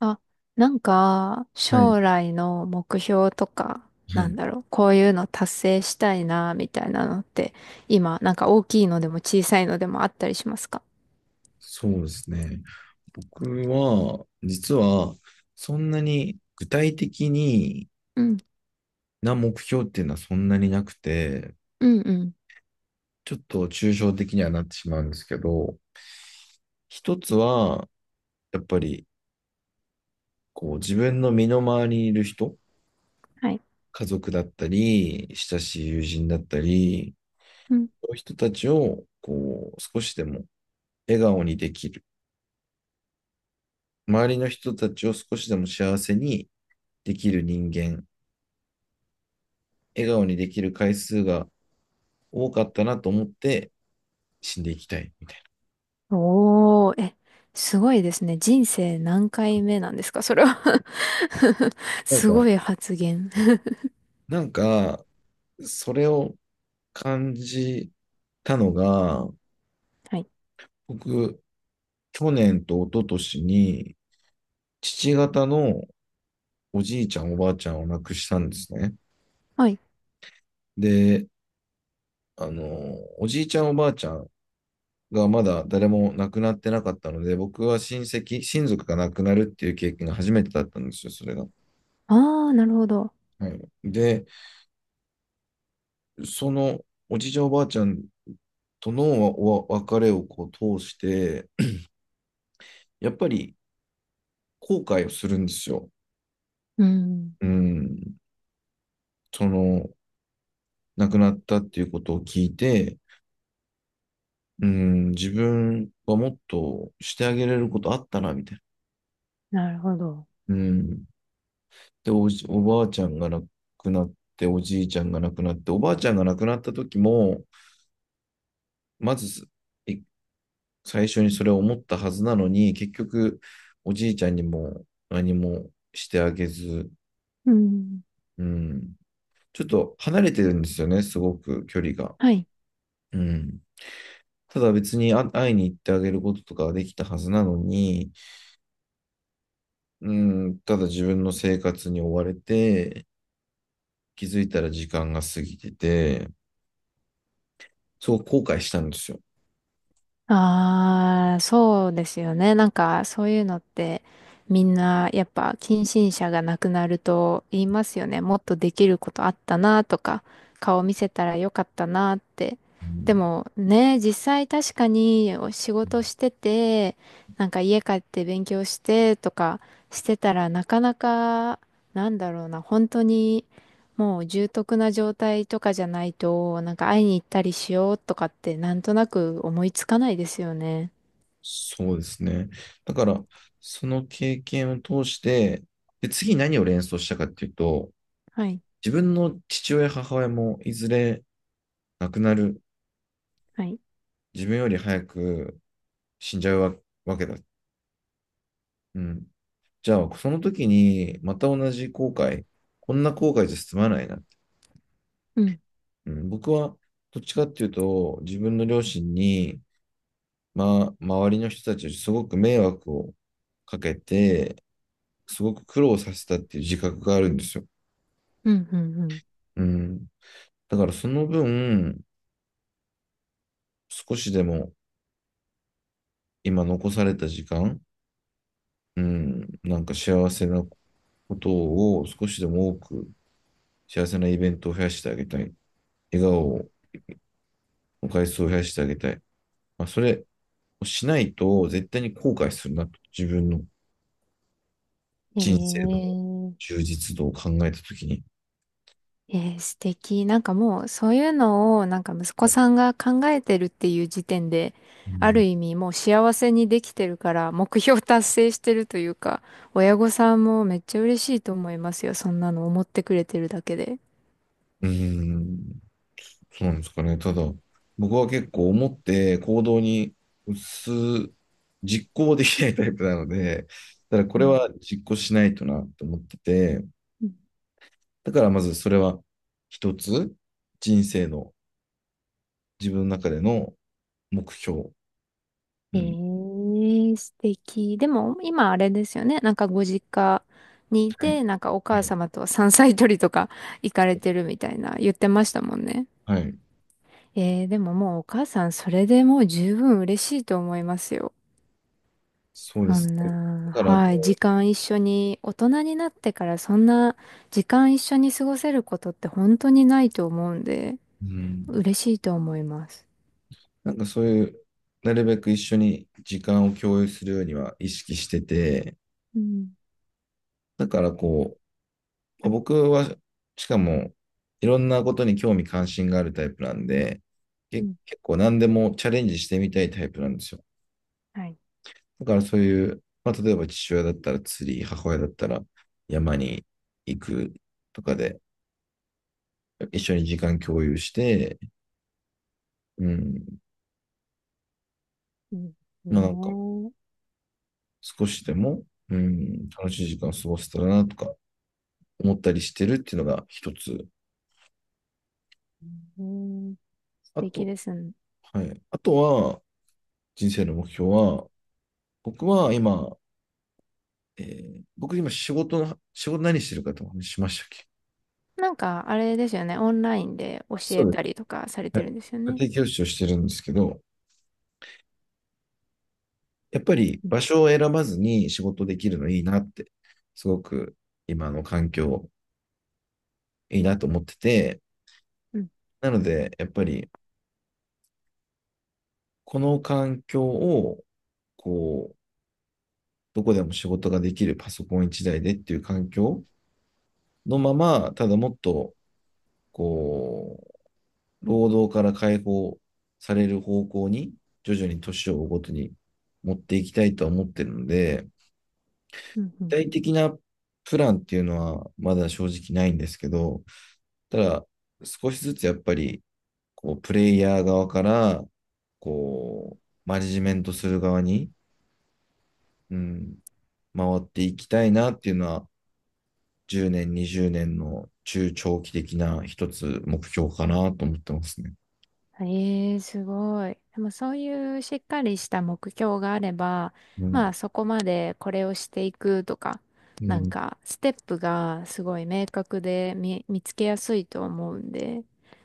あ、なんか、はい、将来の目標とか、はない、んだろう、こういうの達成したいな、みたいなのって、今、なんか大きいのでも小さいのでもあったりしますか？そうですね。僕は、実は、そんなに具体的にうん、な目標っていうのはそんなになくて、うんうん。ちょっと抽象的にはなってしまうんですけど、一つは、やっぱり、こう、自分の身の回りにいる人、はい。家族だったり、親しい友人だったり、うん。そういう人たちを、こう、少しでも笑顔にできる。周りの人たちを少しでも幸せにできる人間笑顔にできる回数が多かったなと思って死んでいきたい。おー、え、すごいですね。人生何回目なんですかそれは？ なんすか、ごい発言 なんか、それを感じたのが、はい。僕、去年と一昨年に、父方のおじいちゃん、おばあちゃんを亡くしたんですね。はい。で、あの、おじいちゃん、おばあちゃんがまだ誰も亡くなってなかったので、僕は親戚、親族が亡くなるっていう経験が初めてだったんですよ、それが。あー、なるほど。はい、で、そのおじいちゃん、おばあちゃんとの別れをこう通して、やっぱり後悔をするんですよ。うん。うん。その、亡くなったっていうことを聞いて、うん、自分はもっとしてあげれることあったな、みたいなるほど。な。うん。で、おばあちゃんが亡くなって、おじいちゃんが亡くなって、おばあちゃんが亡くなった時も、まず、い最初にそれを思ったはずなのに、結局、おじいちゃんにも何もしてあげず、うん。うん、ちょっと離れてるんですよね、すごく距離が。はい。うん。ただ別に会いに行ってあげることとかはできたはずなのに、うん、ただ自分の生活に追われて、気づいたら時間が過ぎてて、すごく後悔したんですよ。ああ、そうですよね。なんか、そういうのって、みんな、やっぱ、近親者が亡くなると言いますよね。もっとできることあったなとか、顔見せたらよかったなって。うでん、も、ね、実際確かにお仕事してて、なんか家帰って勉強してとかしてたらなかなか、なんだろうな、本当にもう重篤な状態とかじゃないと、なんか会いに行ったりしようとかってなんとなく思いつかないですよね。そうですね。だから、その経験を通して、で、次何を連想したかっていうと、はい、自分の父親、母親もいずれ亡くなる、はい。自分より早く死んじゃうわけだ。うん、じゃあ、その時に、また同じ後悔、こんな後悔じゃ済まないなって。うん、うん、僕は、どっちかっていうと、自分の両親に、まあ、周りの人たちにすごく迷惑をかけて、すごく苦労させたっていう自覚があるんですよ。うん、うん、うん。うん。だからその分、少しでも今残された時間、うん、なんか幸せなことを少しでも多く幸せなイベントを増やしてあげたい。笑顔を、回数を増やしてあげたい。まあ、それ、しないと絶対に後悔するなと、自分のえ人生のー、充実度を考えたときに。えー、素敵。なんかもうそういうのをなんか息子さんが考えてるっていう時点で、うあるん、意味もう幸せにできてるから目標達成してるというか、親御さんもめっちゃ嬉しいと思いますよ。そんなの思ってくれてるだけで。うーん、そうなんですかね。ただ、僕は結構思って行動に移す、実行できないタイプなので、ただこうれん。は実行しないとなと思ってて、だからまずそれは一つ、人生の自分の中での目標。うん。ええ、素敵。でも、今あれですよね。なんかご実家にいはい。て、なんかお母はい。様と山菜採りとか行かれてるみたいな言ってましたもんね。はい、ええ、でももうお母さん、それでもう十分嬉しいと思いますよ。そうでそすんね。だな、からはい、時こ間一緒に、大人になってからそんな時間一緒に過ごせることって本当にないと思うんで、う、うん。嬉しいと思います。なんかそういう、なるべく一緒に時間を共有するようには意識してて、うん、だからこう、まあ僕は、しかも、いろんなことに興味関心があるタイプなんで、うけん、結構何でもチャレンジしてみたいタイプなんですよ。はい。だからそういう、まあ、例えば父親だったら釣り、母親だったら山に行くとかで、一緒に時間共有して、うん、いいですまあなんかね。少しでも、うん、楽しい時間を過ごせたらなとか思ったりしてるっていうのが一つ。うん、素あ敵と、ですね。はい。あとは、人生の目標は、僕は今、えー僕今仕事の、仕事何してるかとお話ししましたっけ？なんか、あれですよね。オンラインで教あ、そえうでたす。りとかされはてるい。んですよね。家庭教師をしてるんですけど、やっぱりうん、場所を選ばずに仕事できるのいいなって、すごく今の環境いいなと思ってて、うん、なので、やっぱりこの環境を、こう、どこでも仕事ができるパソコン一台でっていう環境のまま、ただもっとこう、労働から解放される方向に、徐々に年を追うごとに持っていきたいとは思ってるので、うん。う具ん。体的なプランっていうのはまだ正直ないんですけど、ただ、少しずつやっぱり、こう、プレイヤー側から、こう、マネジメントする側に、うん、回っていきたいなっていうのは、10年、20年の中長期的な一つ目標かなと思ってますね。ええ、すごい。でもそういうしっかりした目標があれば、うまあん。そこまでこれをしていくとか、うなんんかステップがすごい明確で見つけやすいと思うんで、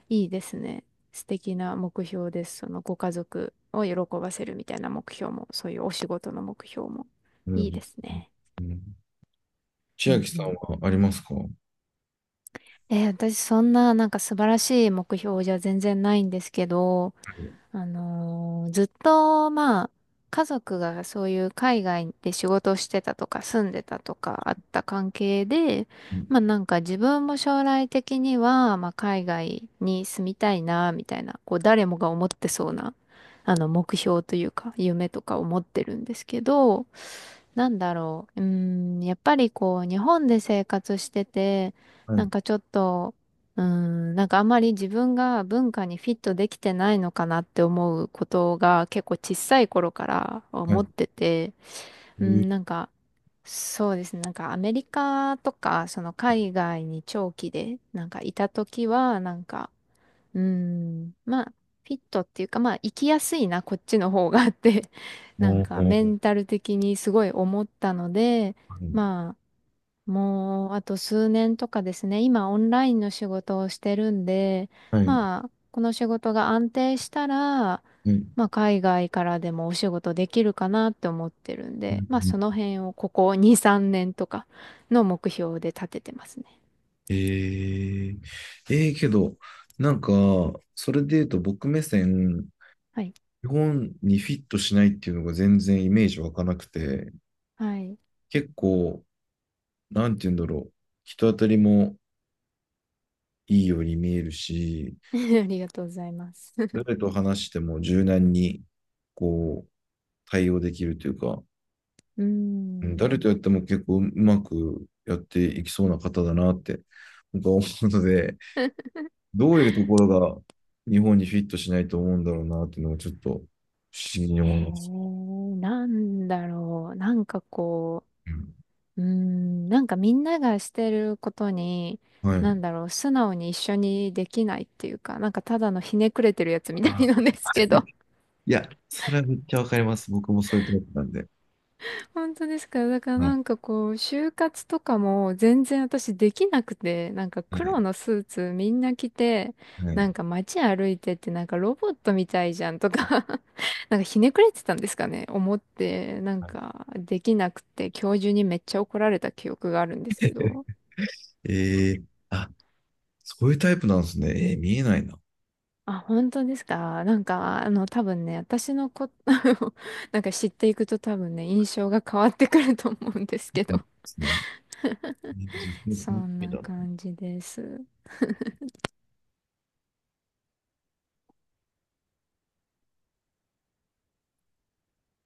いいですね。素敵な目標です。そのご家族を喜ばせるみたいな目標も、そういうお仕事の目標も。ういいでん。すね。うん、う千ん、秋うさんん。はありますか？はえー、私そんななんか素晴らしい目標じゃ全然ないんですけど、い。あのーずっと、まあ、家族がそういう海外で仕事をしてたとか住んでたとかあった関係で、まあなんか自分も将来的には、まあ海外に住みたいな、みたいな、こう誰もが思ってそうな、あの目標というか夢とかを持ってるんですけど、なんだろう、うーん、やっぱりこう日本で生活してて、はなんい。かちょっと、うん、なんかあんまり自分が文化にフィットできてないのかなって思うことが結構小さい頃からは思い。ってて、えうん、ーなんかそうですね、なんかアメリカとかその海外に長期でなんかいた時はなんか、うん、まあフィットっていうかまあ生きやすいなこっちの方がって なんおー、かはメい。ンタル的にすごい思ったので、まあもう、あと数年とかですね。今、オンラインの仕事をしてるんで、はい。はい、まあ、この仕事が安定したら、うん、まあ、海外からでもお仕事できるかなって思ってるんで、まあ、その辺をここ2、3年とかの目標で立ててますね。えー、けど、なんか、それで言うと僕目線、はい。日本にフィットしないっていうのが全然イメージ湧かなくて、はい。結構、なんて言うんだろう、人当たりもいいように見えるし、ありがとうございます。誰と話しても柔軟に、こう、対応できるというか、うーうん、誰ん。とやっても結構うまくやっていきそうな方だなって僕は思うので、どういうところが日本にフィットしないと思うんだろうなっていうのをちょっと不思議に思いえます。ー、なんだろう。なんかこうん、う、うーん、なんかみんながしてることに、はい。なんだろう、素直に一緒にできないっていうか、なんかただのひねくれてるやつみたあいなんですけー、ど。いや、それはめっちゃわかります。僕もそういうタイプなんで。本当ですか？だからはない。んかこう、就活とかも全然私できなくて、なんかは黒い。のスーツみんな着て、はない。んか街歩いてってなんかロボットみたいじゃんとか なんかひねくれてたんですかね思って、なんはかできなくて、教授にめっちゃ怒られた記憶があるんですい、けど。えー、あ、そういうタイプなんですね。見えないな。あ、本当ですか？なんか、あの、多分ね、私のこ、あのなんか知っていくと多分ね、印象が変わってくると思うんですけそど。うですね。じゃあそのそ楽しんみなだな。感じです。